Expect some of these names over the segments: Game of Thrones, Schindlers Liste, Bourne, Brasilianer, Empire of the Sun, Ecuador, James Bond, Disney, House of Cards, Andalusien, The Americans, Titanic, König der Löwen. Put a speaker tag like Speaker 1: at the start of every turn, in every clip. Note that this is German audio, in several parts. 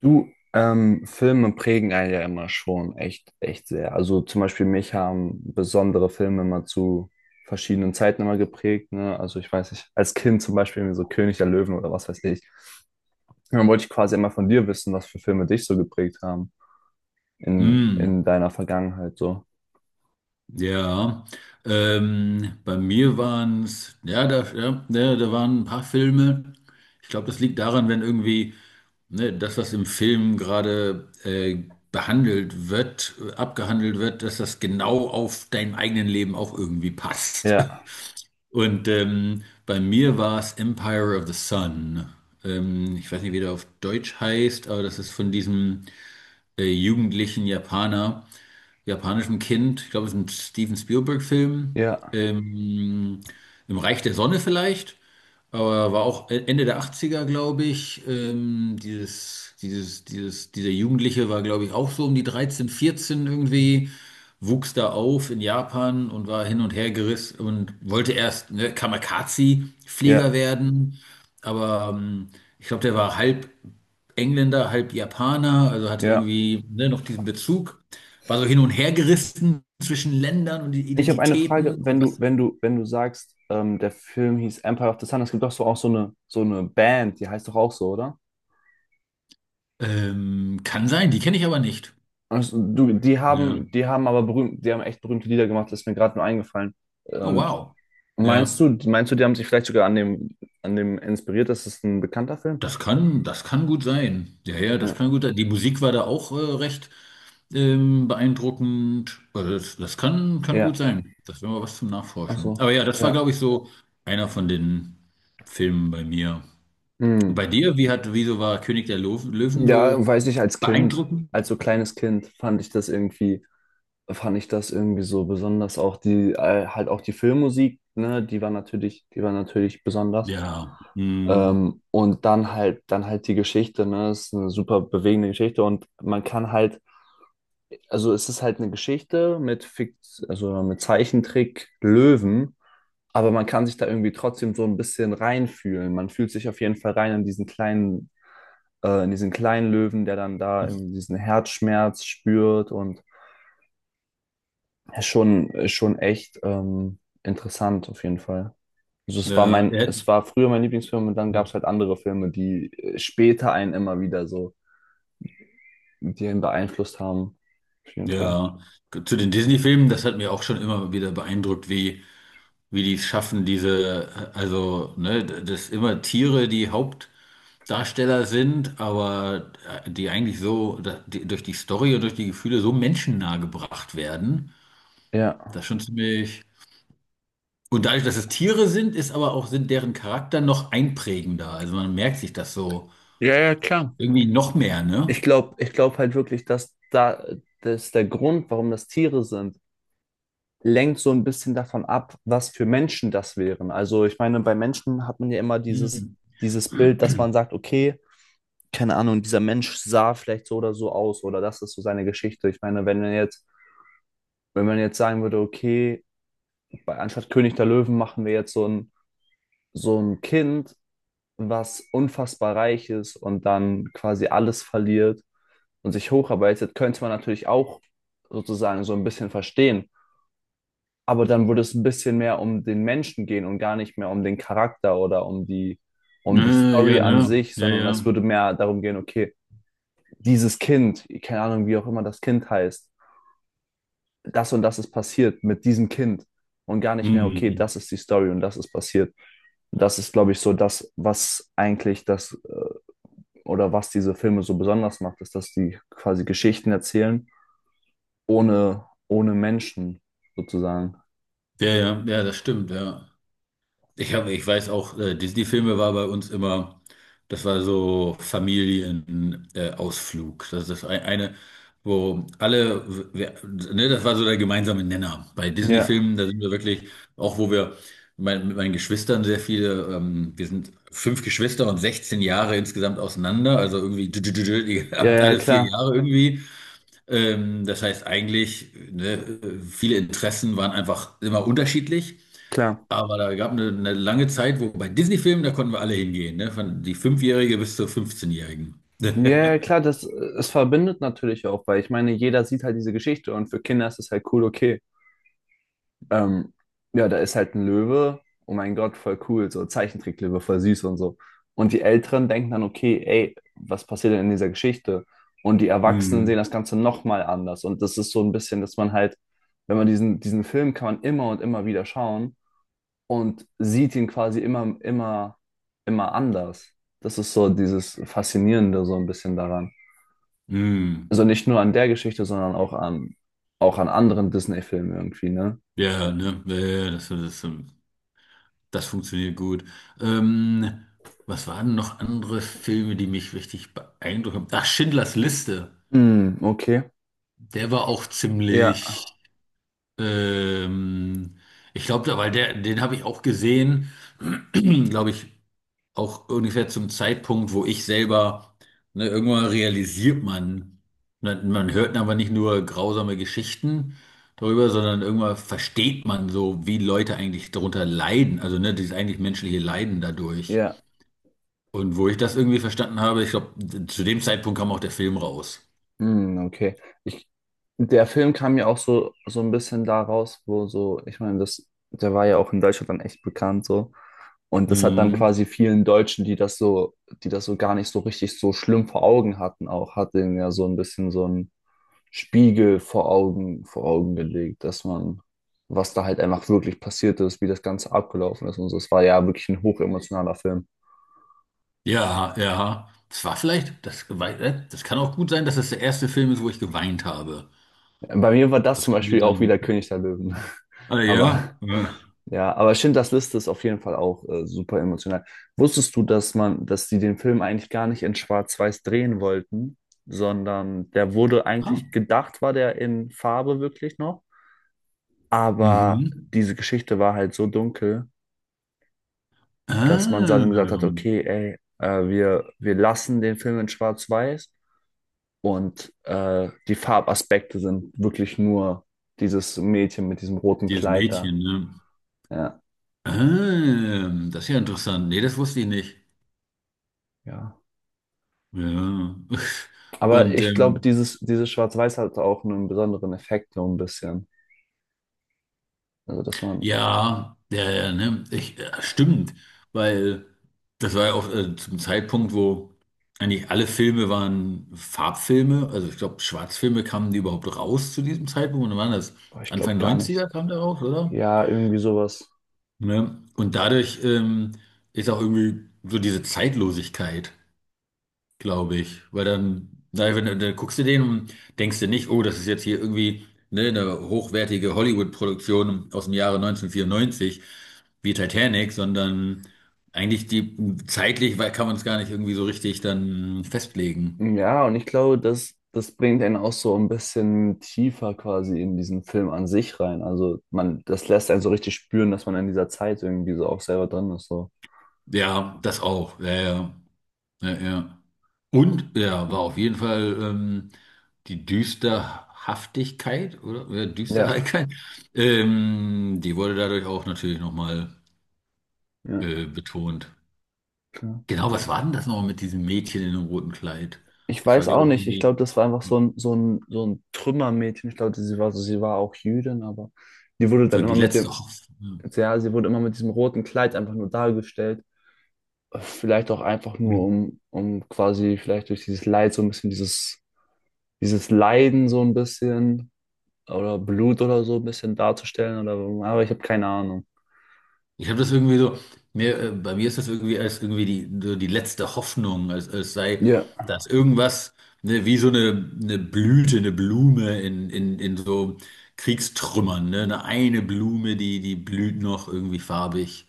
Speaker 1: Du, Filme prägen einen ja immer schon echt, echt sehr. Also zum Beispiel mich haben besondere Filme immer zu verschiedenen Zeiten immer geprägt, ne? Also ich weiß nicht, als Kind zum Beispiel irgendwie so König der Löwen oder was weiß ich. Und dann wollte ich quasi immer von dir wissen, was für Filme dich so geprägt haben in,
Speaker 2: Mm,
Speaker 1: in deiner Vergangenheit so.
Speaker 2: ja, bei mir waren es, ja, da, ja, da waren ein paar Filme. Ich glaube, das liegt daran, wenn irgendwie ne, das, was im Film gerade behandelt wird, abgehandelt wird, dass das genau auf dein eigenen Leben auch irgendwie passt.
Speaker 1: Ja,
Speaker 2: Und bei mir war es Empire of the Sun. Ich weiß nicht, wie der auf Deutsch heißt, aber das ist von diesem jugendlichen Japaner, japanischem Kind, ich glaube, es ist ein Steven Spielberg-Film,
Speaker 1: ja,
Speaker 2: ähm, im Reich der Sonne vielleicht, aber war auch Ende der 80er, glaube ich. Dieser Jugendliche war, glaube ich, auch so um die 13, 14 irgendwie, wuchs da auf in Japan und war hin und her gerissen und wollte erst ne,
Speaker 1: ja,
Speaker 2: Kamikaze-Flieger werden, aber ich glaube, der war halb Engländer, halb Japaner, also hatte
Speaker 1: ja.
Speaker 2: irgendwie ne, noch diesen Bezug, war so hin und her gerissen zwischen Ländern und
Speaker 1: Ich habe eine Frage,
Speaker 2: Identitäten
Speaker 1: wenn
Speaker 2: und
Speaker 1: du,
Speaker 2: was.
Speaker 1: wenn du, wenn du sagst, der Film hieß Empire of the Sun, es gibt doch so auch so eine Band, die heißt doch auch so, oder?
Speaker 2: Kann sein, die kenne ich aber nicht.
Speaker 1: Also, du, die
Speaker 2: Ja.
Speaker 1: haben, die haben aber berühmt, die haben echt berühmte Lieder gemacht, das ist mir gerade nur eingefallen.
Speaker 2: Oh
Speaker 1: Und
Speaker 2: wow.
Speaker 1: meinst
Speaker 2: Ja,
Speaker 1: du, meinst du, die haben sich vielleicht sogar an dem inspiriert? Das ist ein bekannter Film?
Speaker 2: das kann gut sein. Ja, ja, das kann
Speaker 1: Ja.
Speaker 2: gut sein. Die Musik war da auch recht beeindruckend. Also das kann gut
Speaker 1: Ja.
Speaker 2: sein. Das wäre mal was zum
Speaker 1: Ach
Speaker 2: Nachforschen.
Speaker 1: so.
Speaker 2: Aber ja, das war,
Speaker 1: Ja.
Speaker 2: glaube ich, so einer von den Filmen bei mir. Und
Speaker 1: Hm.
Speaker 2: bei dir, wieso war König der Löwen
Speaker 1: Ja,
Speaker 2: so
Speaker 1: weiß ich, als Kind,
Speaker 2: beeindruckend?
Speaker 1: als so kleines Kind fand ich das irgendwie, fand ich das irgendwie so besonders. Auch die, halt auch die Filmmusik, ne, die war natürlich besonders.
Speaker 2: Ja, hm,
Speaker 1: Und dann halt die Geschichte, ne, ist eine super bewegende Geschichte und man kann halt. Also es ist halt eine Geschichte mit Fikt, also mit Zeichentrick Löwen, aber man kann sich da irgendwie trotzdem so ein bisschen reinfühlen. Man fühlt sich auf jeden Fall rein in diesen kleinen Löwen, der dann da irgendwie diesen Herzschmerz spürt und ist schon echt interessant auf jeden Fall. Also es war
Speaker 2: ja,
Speaker 1: mein, es war früher mein Lieblingsfilm und dann gab es halt andere Filme, die später einen immer wieder so, die einen beeinflusst haben. Auf jeden Fall.
Speaker 2: ja, zu den Disney-Filmen, das hat mir auch schon immer wieder beeindruckt, wie die es schaffen, diese, also, ne, das immer Tiere, die Hauptdarsteller sind, aber die eigentlich so, die, durch die Story und durch die Gefühle so menschennah gebracht werden.
Speaker 1: Ja.
Speaker 2: Das ist schon ziemlich. Und dadurch, dass es Tiere sind, ist aber auch sind deren Charakter noch einprägender. Also man merkt sich das so
Speaker 1: Ja, ja, klar.
Speaker 2: irgendwie noch mehr, ne?
Speaker 1: Ich glaube halt wirklich, dass da, dass der Grund, warum das Tiere sind, lenkt so ein bisschen davon ab, was für Menschen das wären. Also ich meine, bei Menschen hat man ja immer dieses,
Speaker 2: Hm.
Speaker 1: dieses Bild, dass man sagt, okay, keine Ahnung, dieser Mensch sah vielleicht so oder so aus oder das ist so seine Geschichte. Ich meine, wenn man jetzt, wenn man jetzt sagen würde, okay, bei, anstatt König der Löwen machen wir jetzt so ein Kind, was unfassbar reich ist und dann quasi alles verliert und sich hocharbeitet, könnte man natürlich auch sozusagen so ein bisschen verstehen. Aber dann würde es ein bisschen mehr um den Menschen gehen und gar nicht mehr um den Charakter oder um die
Speaker 2: Äh,
Speaker 1: Story
Speaker 2: ja,
Speaker 1: an
Speaker 2: ne?
Speaker 1: sich,
Speaker 2: Ja,
Speaker 1: sondern es
Speaker 2: ja.
Speaker 1: würde mehr darum gehen, okay, dieses Kind, keine Ahnung, wie auch immer das Kind heißt, das und das ist passiert mit diesem Kind und gar nicht mehr, okay,
Speaker 2: Hm.
Speaker 1: das ist die Story und das ist passiert. Das ist, glaube ich, so das, was eigentlich das oder was diese Filme so besonders macht, ist, dass die quasi Geschichten erzählen ohne Menschen sozusagen.
Speaker 2: Ja, ja, ja, das stimmt, ja. Ich weiß auch, Disney-Filme war bei uns immer, das war so Familienausflug. Ausflug. Das ist ein, eine, wo alle, wer, ne, das war so der gemeinsame Nenner. Bei
Speaker 1: Ja,
Speaker 2: Disney-Filmen, da sind wir wirklich, auch wo wir mit meinen Geschwistern sehr viele. Wir sind fünf Geschwister und 16 Jahre insgesamt auseinander, also irgendwie die
Speaker 1: ja,
Speaker 2: haben
Speaker 1: ja,
Speaker 2: alle vier
Speaker 1: klar,
Speaker 2: Jahre irgendwie. Das heißt eigentlich, ne, viele Interessen waren einfach immer unterschiedlich.
Speaker 1: klar.
Speaker 2: Aber da gab eine lange Zeit, wo bei Disney-Filmen, da konnten wir alle hingehen, ne? Von die Fünfjährige bis zur fünfzehnjährigen
Speaker 1: Ja, ja, klar, das, es verbindet natürlich auch, weil ich meine, jeder sieht halt diese Geschichte und für Kinder ist es halt cool, okay. Ähm, ja, da ist halt ein Löwe, oh mein Gott, voll cool, so Zeichentricklöwe, voll süß und so. Und die Älteren denken dann, okay, ey, was passiert denn in dieser Geschichte? Und die Erwachsenen sehen
Speaker 2: Hm,
Speaker 1: das Ganze nochmal anders. Und das ist so ein bisschen, dass man halt, wenn man diesen Film kann man immer und immer wieder schauen und sieht ihn quasi immer, immer, immer anders. Das ist so dieses Faszinierende so ein bisschen daran.
Speaker 2: hm.
Speaker 1: Also nicht nur an der Geschichte, sondern auch an anderen Disney-Filmen irgendwie, ne?
Speaker 2: Ja, ne, ja, ja, das funktioniert gut. Ähm, was waren noch andere Filme, die mich richtig beeindruckt haben? Ach, Schindlers Liste.
Speaker 1: Hm, okay.
Speaker 2: Der war auch
Speaker 1: Ja,
Speaker 2: ziemlich, ähm, ich glaube, weil den habe ich auch gesehen, glaube ich, auch ungefähr zum Zeitpunkt, wo ich selber, ne, irgendwann realisiert man, hört aber nicht nur grausame Geschichten darüber, sondern irgendwann versteht man so, wie Leute eigentlich darunter leiden, also ne, dieses eigentlich menschliche Leiden dadurch.
Speaker 1: ja.
Speaker 2: Und wo ich das irgendwie verstanden habe, ich glaube, zu dem Zeitpunkt kam auch der Film raus.
Speaker 1: Hm, okay. Ich, der Film kam ja auch so, so ein bisschen da raus, wo so, ich meine, das, der war ja auch in Deutschland dann echt bekannt so. Und das hat dann
Speaker 2: Hm.
Speaker 1: quasi vielen Deutschen, die das so gar nicht so richtig so schlimm vor Augen hatten, auch, hat denen ja so ein bisschen so ein, Spiegel vor Augen gelegt, dass man, was da halt einfach wirklich passiert ist, wie das Ganze abgelaufen ist und so. Es war ja wirklich ein hochemotionaler Film.
Speaker 2: Ja, ja. Es war vielleicht, das kann auch gut sein, dass das der erste Film ist, wo ich geweint habe.
Speaker 1: Bei mir war das
Speaker 2: Das
Speaker 1: zum
Speaker 2: kann gut
Speaker 1: Beispiel auch
Speaker 2: sein.
Speaker 1: wieder König der Löwen.
Speaker 2: Ah,
Speaker 1: Aber
Speaker 2: ja. Ja.
Speaker 1: ja, aber Schindlers Liste ist auf jeden Fall auch super emotional. Wusstest du, dass man, dass die den Film eigentlich gar nicht in Schwarz-Weiß drehen wollten, sondern der wurde
Speaker 2: Ah.
Speaker 1: eigentlich gedacht, war der in Farbe wirklich noch? Aber
Speaker 2: Mhm.
Speaker 1: diese Geschichte war halt so dunkel, dass man dann gesagt hat,
Speaker 2: Ah,
Speaker 1: okay, ey, wir, wir lassen den Film in Schwarz-Weiß und die Farbaspekte sind wirklich nur dieses Mädchen mit diesem roten
Speaker 2: dieses
Speaker 1: Kleid da.
Speaker 2: Mädchen, ne?
Speaker 1: Ja,
Speaker 2: Ah, das ist ja interessant. Nee, das wusste ich nicht.
Speaker 1: ja.
Speaker 2: Ja.
Speaker 1: Aber
Speaker 2: Und
Speaker 1: ich glaube, dieses, dieses Schwarz-Weiß hat auch einen besonderen Effekt, so ein bisschen. Also, dass man,
Speaker 2: ja, ja, ja, ne? Ja, stimmt, weil das war ja auch zum Zeitpunkt, wo eigentlich alle Filme waren Farbfilme. Also ich glaube, Schwarzfilme kamen die überhaupt raus zu diesem Zeitpunkt. Und dann waren das?
Speaker 1: boah, ich glaube
Speaker 2: Anfang
Speaker 1: gar
Speaker 2: Neunziger
Speaker 1: nicht.
Speaker 2: er kam da raus, oder?
Speaker 1: Ja, irgendwie sowas.
Speaker 2: Ne? Und dadurch ist auch irgendwie so diese Zeitlosigkeit, glaube ich. Weil dann, na wenn, dann guckst du den und denkst dir nicht, oh, das ist jetzt hier irgendwie ne, eine hochwertige Hollywood-Produktion aus dem Jahre 1994 wie Titanic, sondern eigentlich die zeitlich, weil kann man es gar nicht irgendwie so richtig dann festlegen.
Speaker 1: Ja, und ich glaube, das, das bringt einen auch so ein bisschen tiefer quasi in diesen Film an sich rein. Also man, das lässt einen so richtig spüren, dass man in dieser Zeit irgendwie so auch selber drin ist. So.
Speaker 2: Ja, das auch. Ja, ja, ja, ja. Und ja, war auf jeden Fall die Düsterhaftigkeit oder ja,
Speaker 1: Ja,
Speaker 2: Düsterheit, die wurde dadurch auch natürlich nochmal
Speaker 1: ja,
Speaker 2: betont.
Speaker 1: klar.
Speaker 2: Genau,
Speaker 1: Das-
Speaker 2: was war denn das nochmal mit diesem Mädchen in dem roten Kleid?
Speaker 1: Ich
Speaker 2: Das war,
Speaker 1: weiß auch
Speaker 2: glaube ich,
Speaker 1: nicht. Ich
Speaker 2: irgendwie
Speaker 1: glaube, das war einfach so
Speaker 2: die,
Speaker 1: ein, so ein, so ein Trümmermädchen. Ich glaube, sie war so, sie war auch Jüdin, aber die wurde
Speaker 2: so
Speaker 1: dann
Speaker 2: die
Speaker 1: immer mit
Speaker 2: letzte
Speaker 1: dem,
Speaker 2: Hoffnung.
Speaker 1: ja, sie wurde immer mit diesem roten Kleid einfach nur dargestellt. Vielleicht auch einfach nur,
Speaker 2: Hm.
Speaker 1: um quasi vielleicht durch dieses Leid so ein bisschen dieses, dieses Leiden so ein bisschen oder Blut oder so ein bisschen darzustellen oder aber ich habe keine Ahnung.
Speaker 2: Ich habe das irgendwie so, bei mir ist das irgendwie als irgendwie so die letzte Hoffnung, als sei
Speaker 1: Ja,
Speaker 2: das irgendwas, ne, wie so eine Blüte, eine Blume in so Kriegstrümmern, ne? Eine Blume, die blüht noch irgendwie farbig.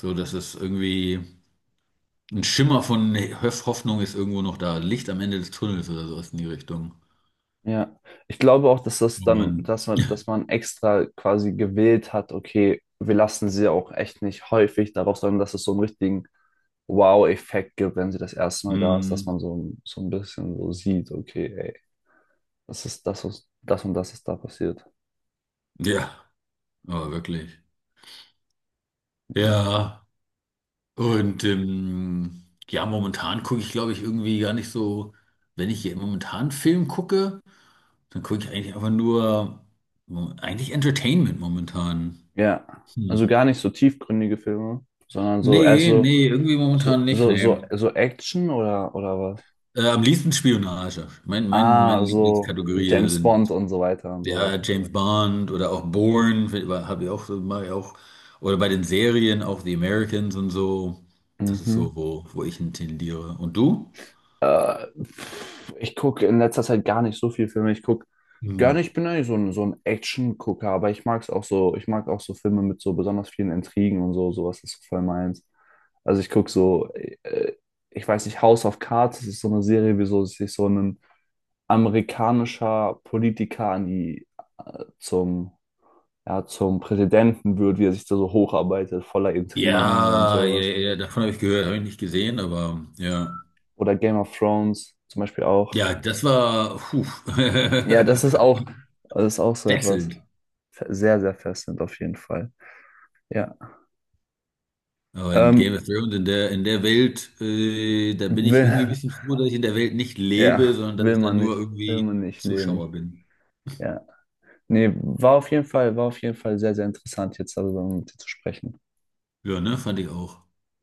Speaker 2: So, dass es irgendwie ein Schimmer von Hoffnung ist irgendwo noch da, Licht am Ende des Tunnels oder sowas in die Richtung.
Speaker 1: ja. Ich glaube auch, dass das
Speaker 2: Oh
Speaker 1: dann,
Speaker 2: Mann.
Speaker 1: dass man extra quasi gewählt hat, okay, wir lassen sie auch echt nicht häufig darauf, sondern dass es so einen richtigen Wow-Effekt gibt, wenn sie das erste Mal da ist, dass
Speaker 2: Hm,
Speaker 1: man so ein bisschen so sieht, okay, ey, das ist das, was, das und das ist da passiert.
Speaker 2: ja, aber wirklich.
Speaker 1: Nee.
Speaker 2: Ja, und ja, momentan gucke ich, glaube ich, irgendwie gar nicht so, wenn ich hier momentan Film gucke, dann gucke ich eigentlich einfach nur, eigentlich Entertainment momentan.
Speaker 1: Ja. Also
Speaker 2: Hm.
Speaker 1: gar nicht so tiefgründige Filme, sondern so erst
Speaker 2: Nee,
Speaker 1: so,
Speaker 2: nee, irgendwie momentan nicht, nee.
Speaker 1: so Action oder was?
Speaker 2: Am liebsten Spionage. Meine
Speaker 1: Ah, so
Speaker 2: Lieblingskategorie
Speaker 1: James Bond
Speaker 2: sind.
Speaker 1: und so weiter und so
Speaker 2: Ja,
Speaker 1: weiter.
Speaker 2: James Bond oder auch Bourne, habe ich auch so, mache ich auch. Oder bei den Serien, auch The Americans und so. Das ist so,
Speaker 1: Mhm.
Speaker 2: wo ich hin tendiere. Und du?
Speaker 1: Pff, ich gucke in letzter Zeit gar nicht so viel Filme. Ich gucke
Speaker 2: Hm.
Speaker 1: gerne, ich bin eigentlich so ein Action-Gucker, aber ich mag es auch so, ich mag auch so Filme mit so besonders vielen Intrigen und so, sowas ist so voll meins. Also ich gucke so, äh, ich weiß nicht, House of Cards, das ist so eine Serie, wieso sich so ein amerikanischer Politiker an die zum, ja, zum Präsidenten wird, wie er sich da so hocharbeitet, voller Intrigen und
Speaker 2: Ja, ja,
Speaker 1: sowas.
Speaker 2: ja, davon habe ich gehört, habe ich nicht gesehen, aber ja.
Speaker 1: Oder Game of Thrones zum Beispiel auch.
Speaker 2: Ja, das war puh,
Speaker 1: Ja, das ist auch so etwas
Speaker 2: wechselnd.
Speaker 1: sehr, sehr fesselnd auf jeden Fall. Ja.
Speaker 2: Aber in Game
Speaker 1: Ähm,
Speaker 2: of Thrones, in der Welt, da bin ich irgendwie ein
Speaker 1: will,
Speaker 2: bisschen froh, dass ich in der Welt nicht lebe,
Speaker 1: ja,
Speaker 2: sondern dass ich da nur
Speaker 1: will
Speaker 2: irgendwie
Speaker 1: man nicht leben.
Speaker 2: Zuschauer bin.
Speaker 1: Ja. Nee, war auf jeden Fall, war auf jeden Fall sehr, sehr interessant, jetzt darüber mit dir zu sprechen.
Speaker 2: Ja, ne, fand ich auch.